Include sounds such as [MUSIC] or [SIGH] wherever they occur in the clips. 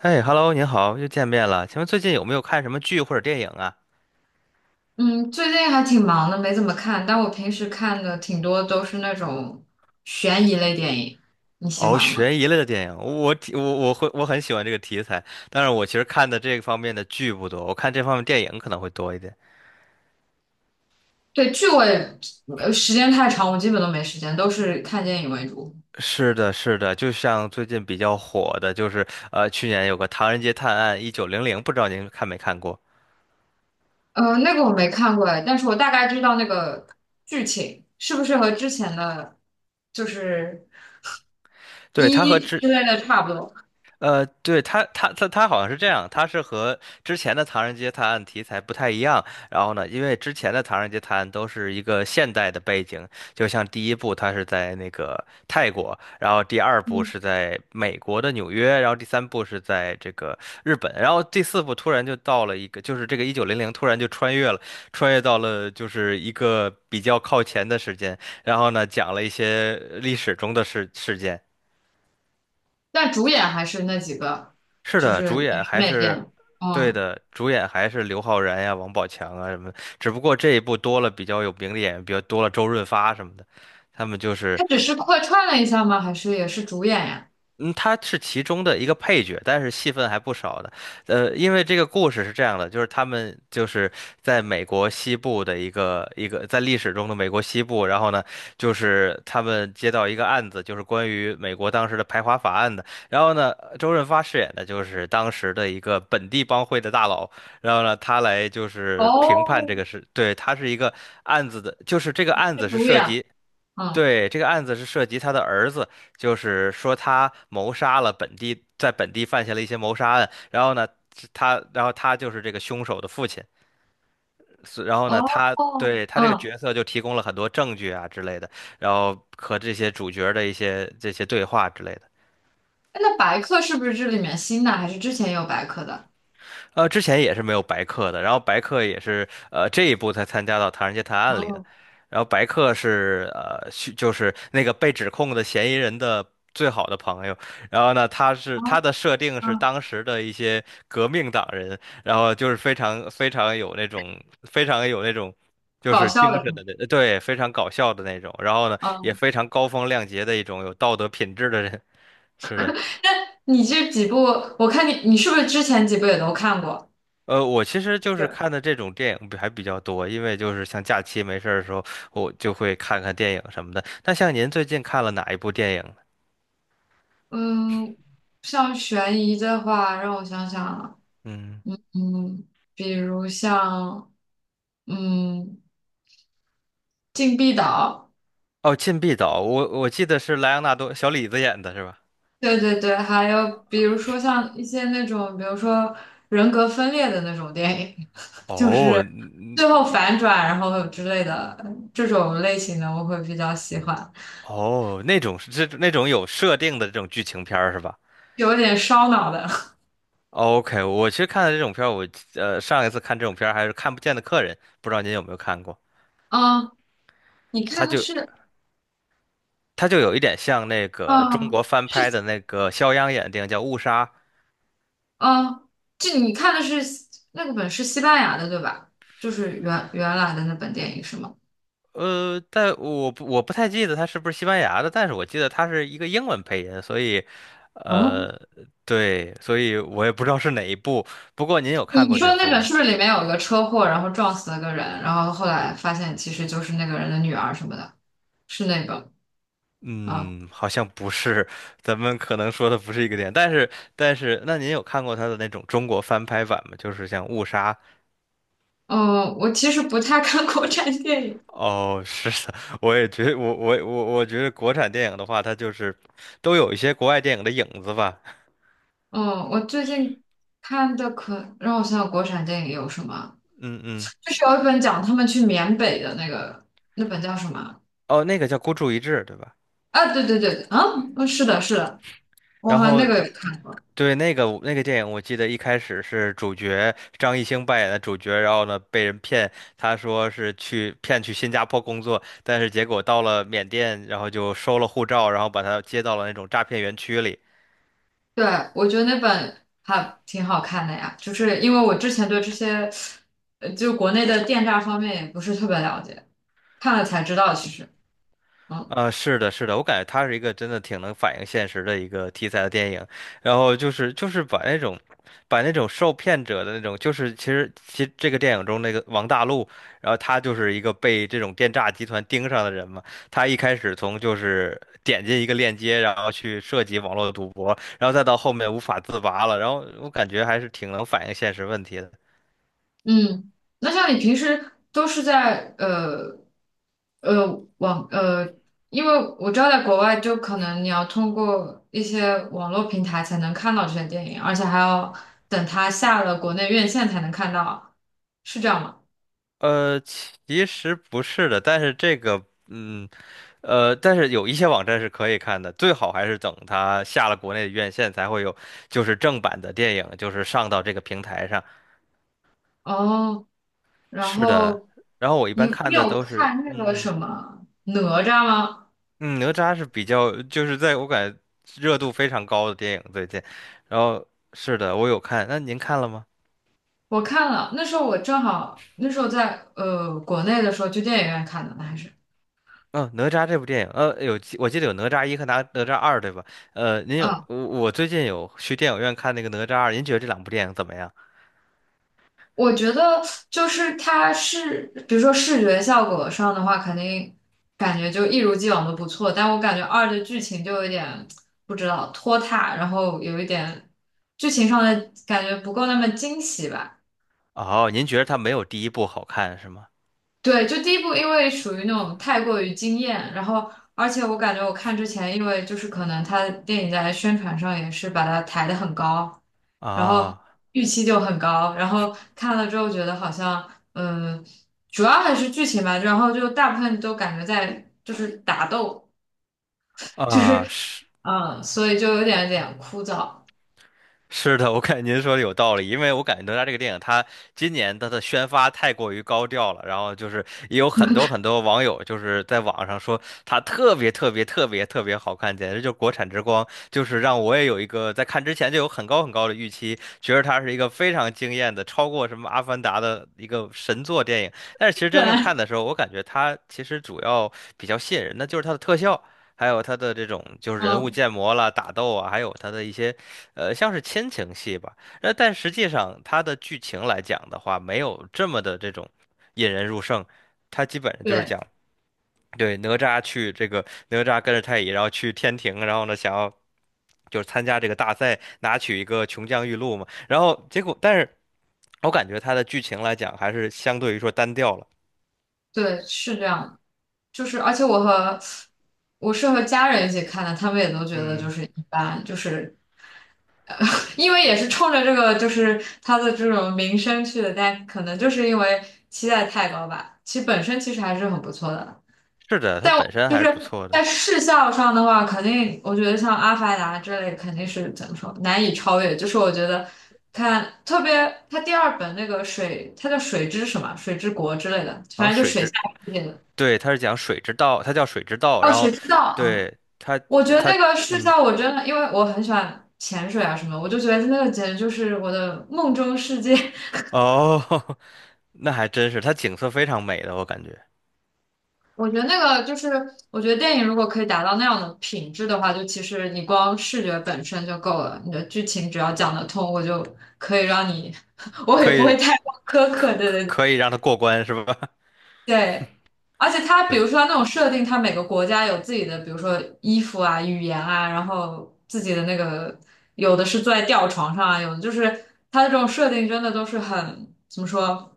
哎，Hello，您好，又见面了。请问最近有没有看什么剧或者电影啊？嗯，最近还挺忙的，没怎么看，但我平时看的挺多都是那种悬疑类电影，你喜哦，欢吗？悬疑类的电影，我很喜欢这个题材。但是我其实看的这方面的剧不多，我看这方面电影可能会多一点。对，剧我也，时间太长，我基本都没时间，都是看电影为主。是的，是的，就像最近比较火的，就是去年有个《唐人街探案一九零零》，不知道您看没看过？那个我没看过哎，但是我大概知道那个剧情是不是和之前的，就是对，它和一之之类的差不多。对，他好像是这样，他是和之前的《唐人街探案》题材不太一样。然后呢，因为之前的《唐人街探案》都是一个现代的背景，就像第一部它是在那个泰国，然后第二部嗯，是在美国的纽约，然后第三部是在这个日本，然后第四部突然就到了一个，就是这个一九零零突然就穿越了，穿越到了就是一个比较靠前的时间，然后呢，讲了一些历史中的事件。但主演还是那几个，是就的，是主演演员还没是变。对嗯，的，主演还是刘昊然呀、王宝强啊什么的，只不过这一部多了比较有名的演员，比较多了周润发什么的。他们就他是只是客串了一下吗？还是也是主演呀？嗯，他是其中的一个配角，但是戏份还不少的。因为这个故事是这样的，就是他们就是在美国西部的一个在历史中的美国西部，然后呢，就是他们接到一个案子，就是关于美国当时的排华法案的。然后呢，周润发饰演的就是当时的一个本地帮会的大佬，然后呢，他来就是评判哦，这个事，对，他是一个案子的，就是这个案是子是主涉演。及。嗯。对，这个案子是涉及他的儿子，就是说他谋杀了本地，在本地犯下了一些谋杀案，然后呢，然后他就是这个凶手的父亲，然后呢，哦。他对他这个嗯。角色就提供了很多证据啊之类的，然后和这些主角的一些这些对话之类的。哎，那白客是不是这里面新的，还是之前也有白客的？之前也是没有白客的，然后白客也是这一部才参加到《唐人街探案》里的，哦。然后白客是就是那个被指控的嫌疑人的最好的朋友，然后呢哦。他的设定是嗯。当时的一些革命党人，然后就是非常非常有那种就搞是笑精的是神吗？的那对非常搞笑的那种，然后呢也嗯，非常高风亮节的一种有道德品质的人，是的。你这几部，我看你，你是不是之前几部也都看过？我其实就是是。看的这种电影还比较多，因为就是像假期没事儿的时候，我就会看看电影什么的。那像您最近看了哪一部电影呢？嗯，像悬疑的话，让我想想啊，嗯，嗯，比如像，嗯，禁闭岛，哦，《禁闭岛》，我记得是莱昂纳多小李子演的是吧？对对对，还有比如说像一些那种，比如说人格分裂的那种电影，[LAUGHS] 就哦，是。最后反转，然后之类的这种类型的，我会比较喜欢，哦，那种是这那种有设定的这种剧情片儿是吧有点烧脑的。？OK，我其实看的这种片儿上一次看这种片儿还是《看不见的客人》，不知道您有没有看过？[LAUGHS] 嗯，你它看的就是，它就有一点像那个中嗯，国翻拍是，的那个肖央演的电影叫《误杀》，嗯，这你看的是那个本是西班牙的对吧？就是原来的那本电影是吗？但我不太记得他是不是西班牙的，但是我记得他是一个英文配音，啊，呃，对，所以我也不知道是哪一部。不过您有看你过这说那部本吗？是不是里面有一个车祸，然后撞死了个人，然后后来发现其实就是那个人的女儿什么的？是那个啊？嗯，好像不是，咱们可能说的不是一个点。但是，那您有看过他的那种中国翻拍版吗？就是像《误杀》。嗯，我其实不太看国产电影。哦，是的，[LAUGHS] 我也觉得，我觉得国产电影的话，它就是都有一些国外电影的影子吧。嗯，我最近看的可让我想想国产电影有什么，嗯嗯，就是有一本讲他们去缅北的那个，那本叫什么？哦，那个叫《孤注一掷》，对吧？啊，对对对。啊。嗯。是的，是的，我然好像那后个有看，对，那个电影，我记得一开始是主角张艺兴扮演的主角，然后呢被人骗，他说是去骗去新加坡工作，但是结果到了缅甸，然后就收了护照，然后把他接到了那种诈骗园区里，对，我觉得那本还挺好看的呀，就是因为我之前对这些，就国内的电诈方面也不是特别了解，看了才知道其实，嗯啊，是的，是的，我感觉它是一个真的挺能反映现实的一个题材的电影，然后就是把那种受骗者的那种，就是其实这个电影中那个王大陆，然后他就是一个被这种电诈集团盯上的人嘛，他一开始就是点进一个链接，然后去涉及网络赌博，然后再到后面无法自拔了，然后我感觉还是挺能反映现实问题的。嗯，那像你平时都是在呃网因为我知道在国外就可能你要通过一些网络平台才能看到这些电影，而且还要等它下了国内院线才能看到，是这样吗？其实不是的，但是这个，嗯。但是有一些网站是可以看的，最好还是等它下了国内的院线才会有，就是正版的电影，就是上到这个平台上。哦，然是的，后然后我一你般你看的有都是，看那个什嗯么哪吒吗？嗯，哪吒是比较，就是在我感觉热度非常高的电影最近。然后是的，我有看，那您看了吗？我看了，那时候我正好那时候在国内的时候去电影院看的，那还是。嗯、哪吒这部电影，我记得有哪吒一和哪吒二，对吧？嗯。我最近有去电影院看那个哪吒二，您觉得这两部电影怎么样？我觉得就是它是，比如说视觉效果上的话，肯定感觉就一如既往的不错，但我感觉二的剧情就有点不知道拖沓，然后有一点剧情上的感觉不够那么惊喜吧。哦，您觉得它没有第一部好看是吗？对，就第一部，因为属于那种太过于惊艳，然后而且我感觉我看之前，因为就是可能他电影在宣传上也是把它抬得很高，然后啊预期就很高，然后看了之后觉得好像，嗯，主要还是剧情吧，然后就大部分都感觉在就是打斗，就是，是 嗯，所以就有点有点枯燥。[LAUGHS] 是的，我感觉您说的有道理，因为我感觉哪吒这个电影，它今年它的宣发太过于高调了，然后就是也有很多很多网友就是在网上说它特别特别特别特别好看，简直就是国产之光，就是让我也有一个在看之前就有很高很高的预期，觉得它是一个非常惊艳的，超过什么《阿凡达》的一个神作电影。但是其实 [LAUGHS] 真正对，看的时候，我感觉它其实主要比较吸引人的就是它的特效。还有它的这种就是人物嗯，建模啦、打斗啊，还有它的一些像是亲情戏吧，那但实际上它的剧情来讲的话，没有这么的这种引人入胜，它基本上就是对讲，对，哪吒去这个哪吒跟着太乙，然后去天庭，然后呢，想要就是参加这个大赛，拿取一个琼浆玉露嘛，然后结果，但是我感觉它的剧情来讲，还是相对于说单调了。对，是这样的。就是而且我是和家人一起看的，他们也都觉得就嗯，是一般，就是因为也是冲着这个就是他的这种名声去的，但可能就是因为期待太高吧。其实本身其实还是很不错的，是的，它但我本身就还是不是错在的，视效上的话，肯定我觉得像《阿凡达》这类肯定是怎么说难以超越，就是我觉得。看，特别它第二本那个水，它叫水之什么，水之国之类的，好像反正就水水下之，世界的。对，它是讲水之道，它叫水之道，哦，水之道啊，对，它我觉得它那个视嗯。角，我真的因为我很喜欢潜水啊什么，我就觉得那个简直就是我的梦中世界。[LAUGHS] 哦，[LAUGHS] 那还真是，它景色非常美的，我感觉我觉得那个就是，我觉得电影如果可以达到那样的品质的话，就其实你光视觉本身就够了，你的剧情只要讲得通，我就可以让你，[LAUGHS] 我也可不会以太苛刻。对对可以让它过关，是吧？对，而且 [LAUGHS] 它比对，如说他那种设定，它每个国家有自己的，比如说衣服啊、语言啊，然后自己的那个，有的是坐在吊床上啊，有的就是它的这种设定真的都是很，怎么说？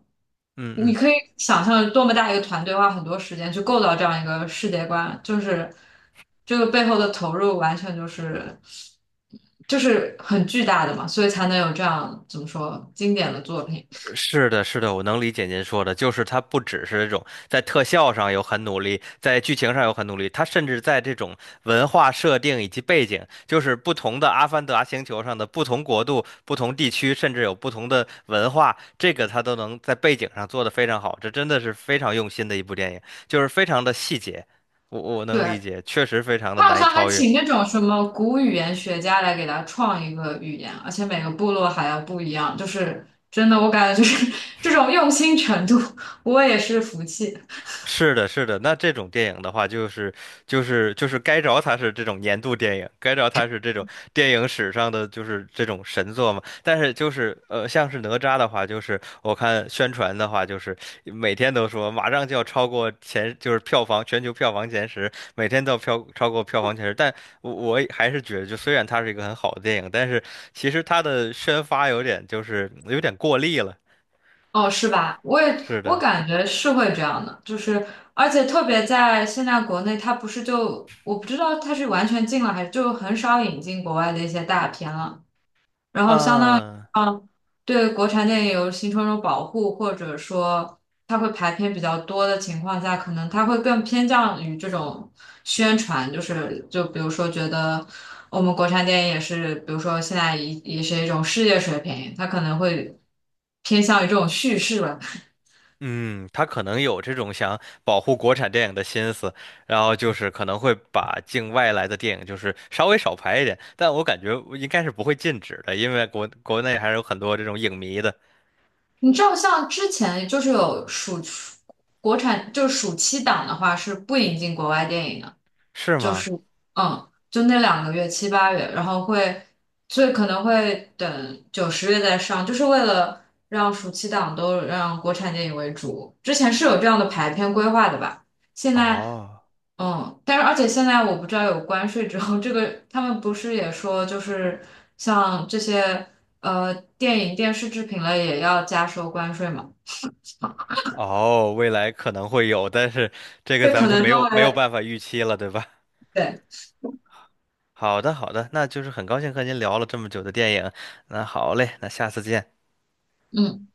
嗯你嗯，可以想象多么大一个团队花很多时间去构造这样一个世界观，就是这个背后的投入完全就是很巨大的嘛，所以才能有这样怎么说经典的作品。是的，是的，我能理解您说的，就是它不只是这种在特效上有很努力，在剧情上有很努力，它甚至在这种文化设定以及背景，就是不同的《阿凡达》星球上的不同国度、不同地区，甚至有不同的文化，这个它都能在背景上做得非常好，这真的是非常用心的一部电影，就是非常的细节，我能理对，解，确实非常的他好难以像还超越。请那种什么古语言学家来给他创一个语言，而且每个部落还要不一样，就是真的，我感觉就是 [LAUGHS] 这种用心程度，我也是服气。[LAUGHS] 是的，是的，那这种电影的话，就是该着它是这种年度电影，该着它是这种电影史上的就是这种神作嘛。但是就是像是哪吒的话，就是我看宣传的话，就是每天都说马上就要超过前，就是全球票房前十，每天都要超过票房前十。但我也还是觉得，就虽然它是一个很好的电影，但是其实它的宣发有点就是有点过力了。哦，是吧？是我的，感觉是会这样的，就是而且特别在现在国内，他不是就我不知道他是完全禁了，还是就很少引进国外的一些大片了。然后相当于嗯。啊，对国产电影有形成一种保护，或者说它会排片比较多的情况下，可能它会更偏向于这种宣传，就是就比如说觉得我们国产电影也是，比如说现在也是一种世界水平，它可能会偏向于这种叙事吧。嗯，他可能有这种想保护国产电影的心思，然后就是可能会把境外来的电影就是稍微少拍一点，但我感觉应该是不会禁止的，因为国内还是有很多这种影迷的，你知道，像之前就是有暑国产就是暑期档的话是不引进国外电影的。是就吗？是就那两个月七八月，然后会，所以可能会等九十月再上，就是为了让暑期档都让国产电影为主。之前是有这样的排片规划的吧？现在哦嗯，但是而且现在我不知道有关税之后，这个他们不是也说就是像这些电影电视制品类也要加收关税嘛？哦，未来可能会有，但是这个这咱可们就能都没有会办法预期了，对吧？[LAUGHS] 对。好的好的，那就是很高兴和您聊了这么久的电影，那好嘞，那下次见。嗯。